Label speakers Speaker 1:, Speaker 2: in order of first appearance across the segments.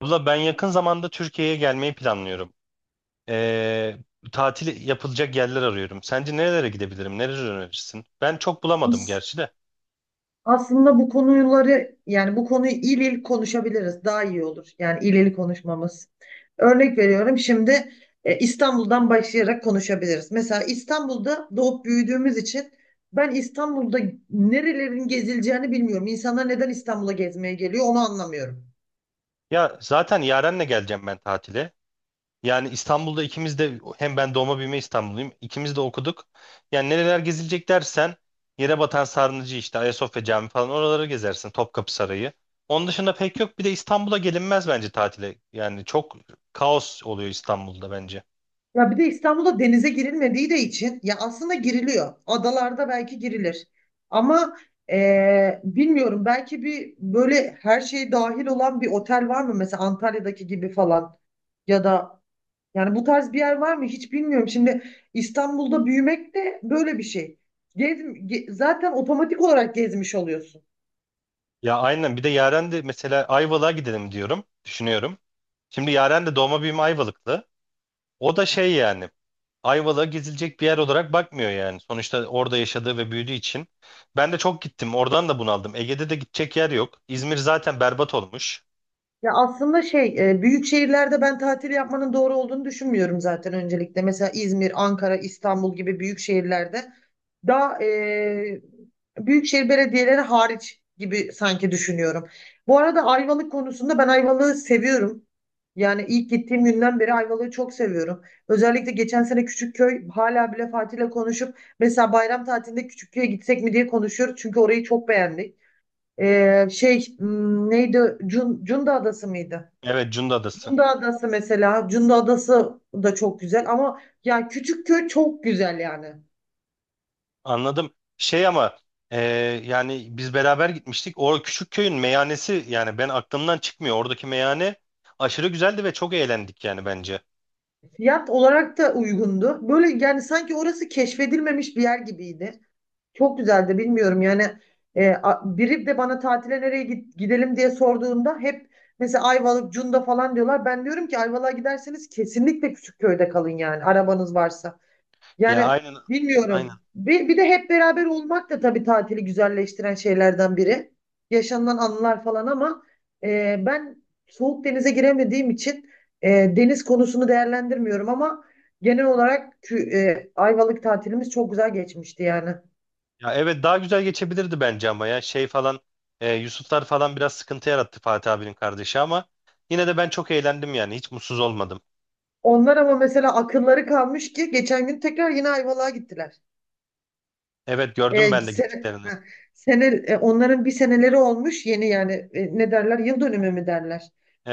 Speaker 1: Abla ben yakın zamanda Türkiye'ye gelmeyi planlıyorum. Ee, tatil yapılacak yerler arıyorum. Sence nerelere gidebilirim? Nereleri önerirsin? Ben çok bulamadım
Speaker 2: As-
Speaker 1: gerçi de.
Speaker 2: Aslında bu konuları bu konuyu il il konuşabiliriz. Daha iyi olur. Yani il il konuşmamız. Örnek veriyorum şimdi İstanbul'dan başlayarak konuşabiliriz. Mesela İstanbul'da doğup büyüdüğümüz için ben İstanbul'da nerelerin gezileceğini bilmiyorum. İnsanlar neden İstanbul'a gezmeye geliyor onu anlamıyorum.
Speaker 1: Ya zaten Yaren'le geleceğim ben tatile. Yani İstanbul'da ikimiz de hem ben doğma büyüme İstanbulluyum. İkimiz de okuduk. Yani nereler gezilecek dersen Yerebatan Sarnıcı işte Ayasofya Camii falan oraları gezersin. Topkapı Sarayı. Onun dışında pek yok. Bir de İstanbul'a gelinmez bence tatile. Yani çok kaos oluyor İstanbul'da bence.
Speaker 2: Ya bir de İstanbul'da denize girilmediği de için ya aslında giriliyor. Adalarda belki girilir. Ama bilmiyorum belki bir böyle her şey dahil olan bir otel var mı? Mesela Antalya'daki gibi falan. Ya da yani bu tarz bir yer var mı? Hiç bilmiyorum. Şimdi İstanbul'da büyümek de böyle bir şey. Zaten otomatik olarak gezmiş oluyorsun.
Speaker 1: Ya aynen, bir de Yaren de mesela Ayvalık'a gidelim diyorum. Düşünüyorum. Şimdi Yaren de doğma büyüme Ayvalıklı. O da şey yani Ayvalık'a gezilecek bir yer olarak bakmıyor yani. Sonuçta orada yaşadığı ve büyüdüğü için. Ben de çok gittim. Oradan da bunaldım. Ege'de de gidecek yer yok. İzmir zaten berbat olmuş.
Speaker 2: Ya aslında şey büyük şehirlerde ben tatil yapmanın doğru olduğunu düşünmüyorum zaten öncelikle. Mesela İzmir, Ankara, İstanbul gibi büyük şehirlerde daha büyükşehir belediyeleri hariç gibi sanki düşünüyorum. Bu arada Ayvalık konusunda ben Ayvalık'ı seviyorum. Yani ilk gittiğim günden beri Ayvalık'ı çok seviyorum. Özellikle geçen sene Küçükköy hala bile Fatih'le konuşup mesela bayram tatilinde Küçükköy'e gitsek mi diye konuşuyoruz. Çünkü orayı çok beğendik. Şey neydi? Cunda Adası mıydı?
Speaker 1: Evet, Cunda Adası.
Speaker 2: Cunda Adası mesela. Cunda Adası da çok güzel ama ya Küçükköy çok güzel yani.
Speaker 1: Anladım. Şey ama e, yani biz beraber gitmiştik. O küçük köyün meyhanesi yani ben aklımdan çıkmıyor. Oradaki meyhane aşırı güzeldi ve çok eğlendik yani bence.
Speaker 2: Fiyat olarak da uygundu. Böyle yani sanki orası keşfedilmemiş bir yer gibiydi. Çok güzeldi bilmiyorum yani. Biri de bana tatile nereye gidelim diye sorduğunda hep mesela Ayvalık, Cunda falan diyorlar. Ben diyorum ki Ayvalık'a giderseniz kesinlikle Küçükköy'de kalın yani arabanız varsa.
Speaker 1: Ya
Speaker 2: Yani
Speaker 1: aynen. Aynen.
Speaker 2: bilmiyorum. Bir de hep beraber olmak da tabii tatili güzelleştiren şeylerden biri. Yaşanılan anılar falan ama ben soğuk denize giremediğim için e, deniz konusunu değerlendirmiyorum ama genel olarak Ayvalık tatilimiz çok güzel geçmişti yani.
Speaker 1: Ya evet, daha güzel geçebilirdi bence ama ya şey falan Yusuflar falan biraz sıkıntı yarattı Fatih abinin kardeşi ama yine de ben çok eğlendim yani hiç mutsuz olmadım.
Speaker 2: Onlar ama mesela akılları kalmış ki geçen gün tekrar yine Ayvalık'a gittiler.
Speaker 1: Evet, gördüm
Speaker 2: E,
Speaker 1: ben de
Speaker 2: sene,
Speaker 1: gittiklerini.
Speaker 2: ha, sene, e, onların bir seneleri olmuş yeni yani ne derler yıl dönümü mü derler.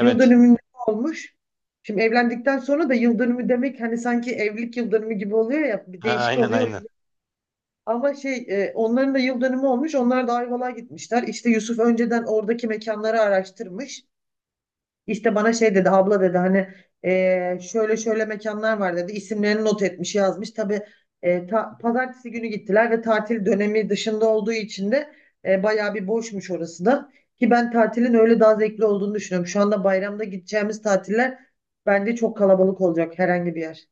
Speaker 2: Yıl dönümü olmuş. Şimdi evlendikten sonra da yıl dönümü demek hani sanki evlilik yıl dönümü gibi oluyor ya bir
Speaker 1: Ha,
Speaker 2: değişik
Speaker 1: aynen
Speaker 2: oluyor o
Speaker 1: aynen.
Speaker 2: yüzden. Ama şey onların da yıl dönümü olmuş onlar da Ayvalık'a gitmişler. İşte Yusuf önceden oradaki mekanları araştırmış. İşte bana şey dedi abla dedi hani şöyle şöyle mekanlar var dedi isimlerini not etmiş yazmış tabii pazartesi günü gittiler ve tatil dönemi dışında olduğu için de bayağı bir boşmuş orası da ki ben tatilin öyle daha zevkli olduğunu düşünüyorum şu anda bayramda gideceğimiz tatiller bence çok kalabalık olacak herhangi bir yer.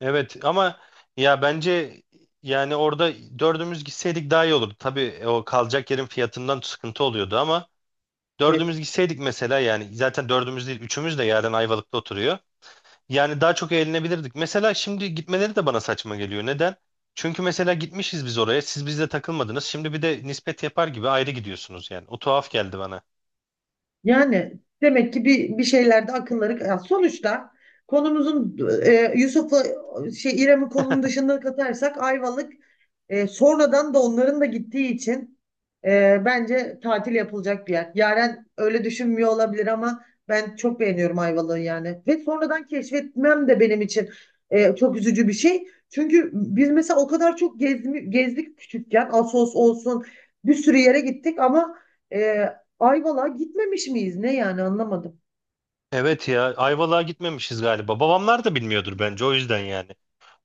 Speaker 1: Evet ama ya bence yani orada dördümüz gitseydik daha iyi olurdu. Tabii o kalacak yerin fiyatından sıkıntı oluyordu ama dördümüz
Speaker 2: Evet.
Speaker 1: gitseydik mesela yani zaten dördümüz değil üçümüz de yarın Ayvalık'ta oturuyor. Yani daha çok eğlenebilirdik. Mesela şimdi gitmeleri de bana saçma geliyor. Neden? Çünkü mesela gitmişiz biz oraya. Siz bizle takılmadınız. Şimdi bir de nispet yapar gibi ayrı gidiyorsunuz yani. O tuhaf geldi bana.
Speaker 2: Yani demek ki bir şeylerde akılları ya sonuçta konumuzun Yusuf'la şey İrem'in konunun dışında katarsak Ayvalık sonradan da onların da gittiği için bence tatil yapılacak bir yer. Yaren öyle düşünmüyor olabilir ama ben çok beğeniyorum Ayvalık'ı yani. Ve sonradan keşfetmem de benim için çok üzücü bir şey. Çünkü biz mesela o kadar çok gezdik küçükken Assos olsun bir sürü yere gittik ama e, Ayvalık'a gitmemiş miyiz? Ne yani anlamadım.
Speaker 1: Evet ya, Ayvalık'a gitmemişiz galiba. Babamlar da bilmiyordur bence o yüzden yani.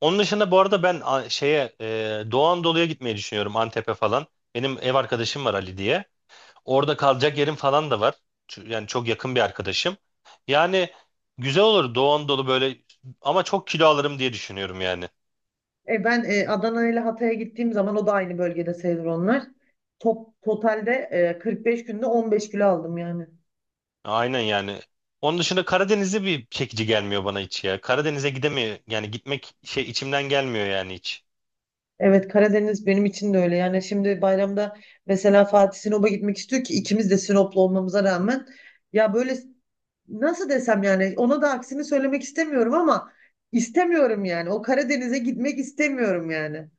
Speaker 1: Onun dışında bu arada ben şeye Doğu Anadolu'ya gitmeyi düşünüyorum Antep'e falan. Benim ev arkadaşım var Ali diye. Orada kalacak yerim falan da var. Yani çok yakın bir arkadaşım. Yani güzel olur Doğu Anadolu böyle ama çok kilo alırım diye düşünüyorum yani.
Speaker 2: Ben Adana ile Hatay'a gittiğim zaman o da aynı bölgede sayılır onlar. Totalde 45 günde 15 kilo aldım yani.
Speaker 1: Aynen yani. Onun dışında Karadeniz'e bir çekici gelmiyor bana hiç ya. Karadeniz'e gidemiyor. Yani gitmek şey içimden gelmiyor yani hiç.
Speaker 2: Evet, Karadeniz benim için de öyle. Yani şimdi bayramda mesela Fatih Sinop'a gitmek istiyor ki ikimiz de Sinoplu olmamıza rağmen. Ya böyle nasıl desem yani ona da aksini söylemek istemiyorum ama istemiyorum yani. O Karadeniz'e gitmek istemiyorum yani.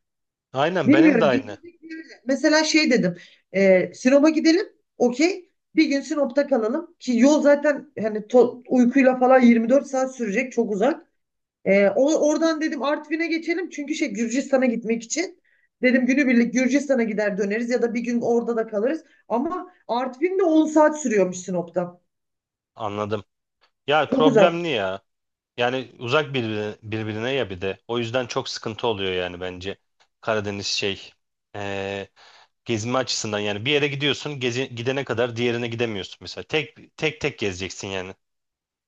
Speaker 1: Aynen, benim de
Speaker 2: Bilmiyorum
Speaker 1: aynı.
Speaker 2: gezecek bir yer- mesela şey dedim. E, Sinop'a gidelim. Okey. Bir gün Sinop'ta kalalım. Ki yol zaten hani uykuyla falan 24 saat sürecek. Çok uzak. Oradan dedim Artvin'e geçelim. Çünkü şey Gürcistan'a gitmek için. Dedim günübirlik Gürcistan'a gider döneriz ya da bir gün orada da kalırız. Ama Artvin de 10 saat sürüyormuş Sinop'tan.
Speaker 1: Anladım. Ya
Speaker 2: Çok uzak.
Speaker 1: problemli ya. Yani uzak birbirine ya bir de. O yüzden çok sıkıntı oluyor yani bence. Karadeniz şey eee, gezme açısından yani bir yere gidiyorsun gidene kadar diğerine gidemiyorsun mesela. Tek tek gezeceksin yani.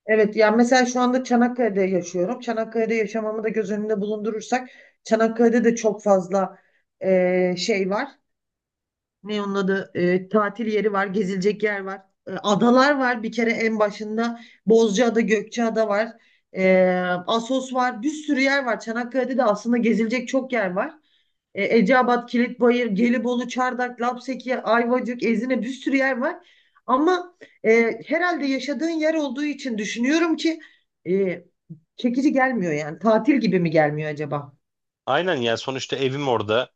Speaker 2: Evet yani mesela şu anda Çanakkale'de yaşıyorum. Çanakkale'de yaşamamı da göz önünde bulundurursak Çanakkale'de de çok fazla şey var. Ne onun adı? E, tatil yeri var, gezilecek yer var. E, adalar var bir kere en başında. Bozcaada, Gökçeada var. E, Assos var. Bir sürü yer var. Çanakkale'de de aslında gezilecek çok yer var. E, Eceabat, Kilitbayır, Gelibolu, Çardak, Lapseki, Ayvacık, Ezine bir sürü yer var. Ama e, herhalde yaşadığın yer olduğu için düşünüyorum ki e, çekici gelmiyor yani. Tatil gibi mi gelmiyor acaba?
Speaker 1: Aynen ya, sonuçta evim orada.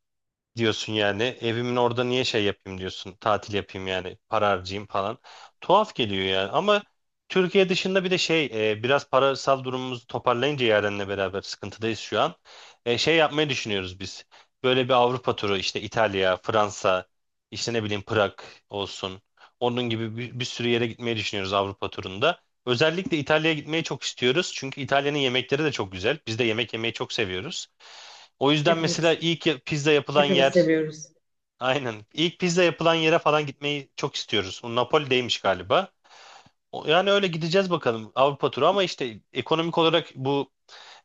Speaker 1: Diyorsun yani. Evimin orada niye şey yapayım diyorsun. Tatil yapayım yani. Para harcayayım falan. Tuhaf geliyor yani. Ama Türkiye dışında bir de şey biraz parasal durumumuzu toparlayınca Yaren'le beraber sıkıntıdayız şu an. Şey yapmayı düşünüyoruz biz. Böyle bir Avrupa turu işte İtalya, Fransa, işte ne bileyim Prag olsun. Onun gibi bir sürü yere gitmeyi düşünüyoruz Avrupa turunda. Özellikle İtalya'ya gitmeyi çok istiyoruz. Çünkü İtalya'nın yemekleri de çok güzel. Biz de yemek yemeyi çok seviyoruz. O yüzden mesela
Speaker 2: Hepimiz
Speaker 1: ilk pizza yapılan yer.
Speaker 2: hepimiz seviyoruz.
Speaker 1: Aynen. İlk pizza yapılan yere falan gitmeyi çok istiyoruz. O Napoli'deymiş galiba. Yani öyle gideceğiz bakalım Avrupa turu ama işte ekonomik olarak bu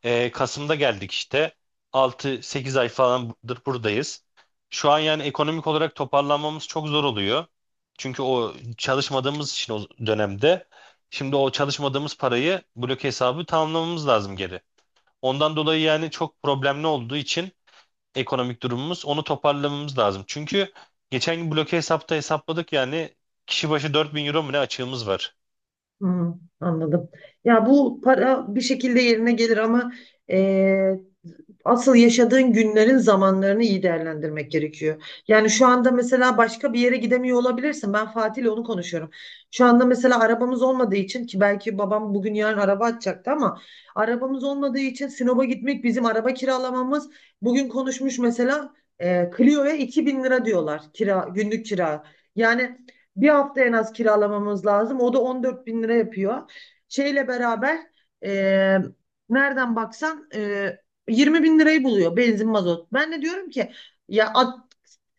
Speaker 1: Kasım'da geldik işte. 6-8 ay falandır buradayız. Şu an yani ekonomik olarak toparlanmamız çok zor oluyor. Çünkü o çalışmadığımız için o dönemde şimdi o çalışmadığımız parayı blok hesabı tamamlamamız lazım geri. Ondan dolayı yani çok problemli olduğu için ekonomik durumumuz. Onu toparlamamız lazım. Çünkü geçen gün bloke hesapta hesapladık yani kişi başı 4.000 euro mu ne açığımız var.
Speaker 2: Hı, anladım. Ya bu para bir şekilde yerine gelir ama e, asıl yaşadığın günlerin zamanlarını iyi değerlendirmek gerekiyor. Yani şu anda mesela başka bir yere gidemiyor olabilirsin. Ben Fatih ile onu konuşuyorum. Şu anda mesela arabamız olmadığı için ki belki babam bugün yarın araba atacaktı ama arabamız olmadığı için Sinop'a gitmek bizim araba kiralamamız bugün konuşmuş mesela Clio'ya 2.000 lira diyorlar kira günlük kira. Yani bir hafta en az kiralamamız lazım. O da 14 bin lira yapıyor. Şeyle beraber e, nereden baksan 20 bin lirayı buluyor benzin mazot. Ben de diyorum ki ya at,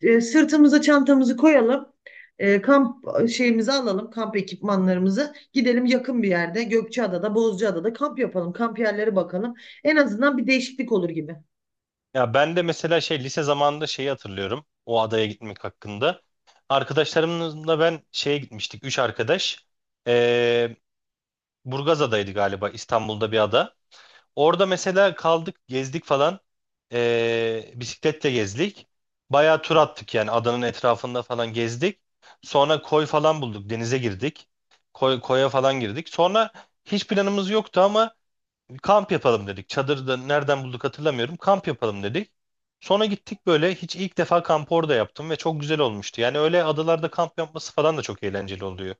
Speaker 2: sırtımıza çantamızı koyalım. E, kamp şeyimizi alalım, kamp ekipmanlarımızı. Gidelim yakın bir yerde Gökçeada'da, Bozcaada'da kamp yapalım. Kamp yerleri bakalım. En azından bir değişiklik olur gibi.
Speaker 1: Ya ben de mesela şey lise zamanında şeyi hatırlıyorum. O adaya gitmek hakkında. Arkadaşlarımla ben şeye gitmiştik. Üç arkadaş. Ee, Burgazada'ydı galiba, İstanbul'da bir ada. Orada mesela kaldık, gezdik falan. Bisikletle gezdik. Bayağı tur attık yani adanın etrafında falan gezdik. Sonra koy falan bulduk, denize girdik. Koya falan girdik. Sonra hiç planımız yoktu ama kamp yapalım dedik. Çadırda nereden bulduk hatırlamıyorum. Kamp yapalım dedik. Sonra gittik böyle hiç ilk defa kampı orada yaptım ve çok güzel olmuştu. Yani öyle adalarda kamp yapması falan da çok eğlenceli oluyor.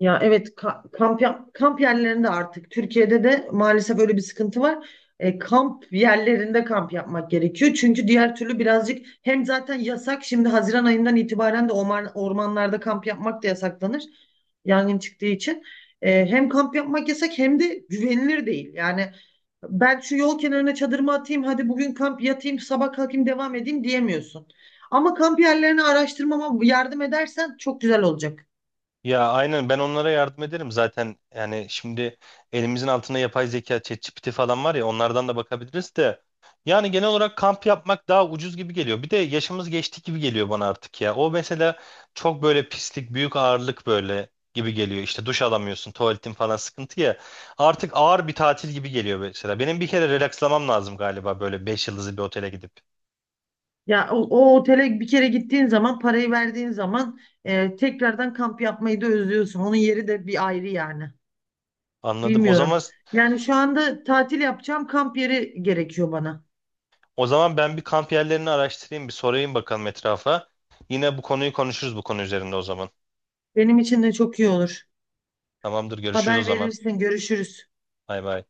Speaker 2: Ya evet kamp yerlerinde artık Türkiye'de de maalesef öyle bir sıkıntı var. E, kamp yerlerinde kamp yapmak gerekiyor. Çünkü diğer türlü birazcık hem zaten yasak şimdi Haziran ayından itibaren de ormanlarda kamp yapmak da yasaklanır. Yangın çıktığı için. E, hem kamp yapmak yasak hem de güvenilir değil. Yani ben şu yol kenarına çadırımı atayım hadi bugün kamp yatayım sabah kalkayım devam edeyim diyemiyorsun. Ama kamp yerlerini araştırmama yardım edersen çok güzel olacak.
Speaker 1: Ya aynen, ben onlara yardım ederim zaten. Yani şimdi elimizin altında yapay zeka, ChatGPT falan var ya onlardan da bakabiliriz de. Yani genel olarak kamp yapmak daha ucuz gibi geliyor. Bir de yaşımız geçti gibi geliyor bana artık ya. O mesela çok böyle pislik, büyük ağırlık böyle gibi geliyor. İşte duş alamıyorsun, tuvaletin falan sıkıntı ya. Artık ağır bir tatil gibi geliyor mesela. Benim bir kere relakslamam lazım galiba, böyle 5 yıldızlı bir otele gidip.
Speaker 2: Ya o otele bir kere gittiğin zaman parayı verdiğin zaman tekrardan kamp yapmayı da özlüyorsun. Onun yeri de bir ayrı yani.
Speaker 1: Anladım. O zaman.
Speaker 2: Bilmiyorum. Yani şu anda tatil yapacağım kamp yeri gerekiyor bana.
Speaker 1: Ben bir kamp yerlerini araştırayım, bir sorayım bakalım etrafa. Yine bu konuyu konuşuruz bu konu üzerinde o zaman.
Speaker 2: Benim için de çok iyi olur.
Speaker 1: Tamamdır, görüşürüz o
Speaker 2: Haber
Speaker 1: zaman.
Speaker 2: verirsin, görüşürüz.
Speaker 1: Bay bay.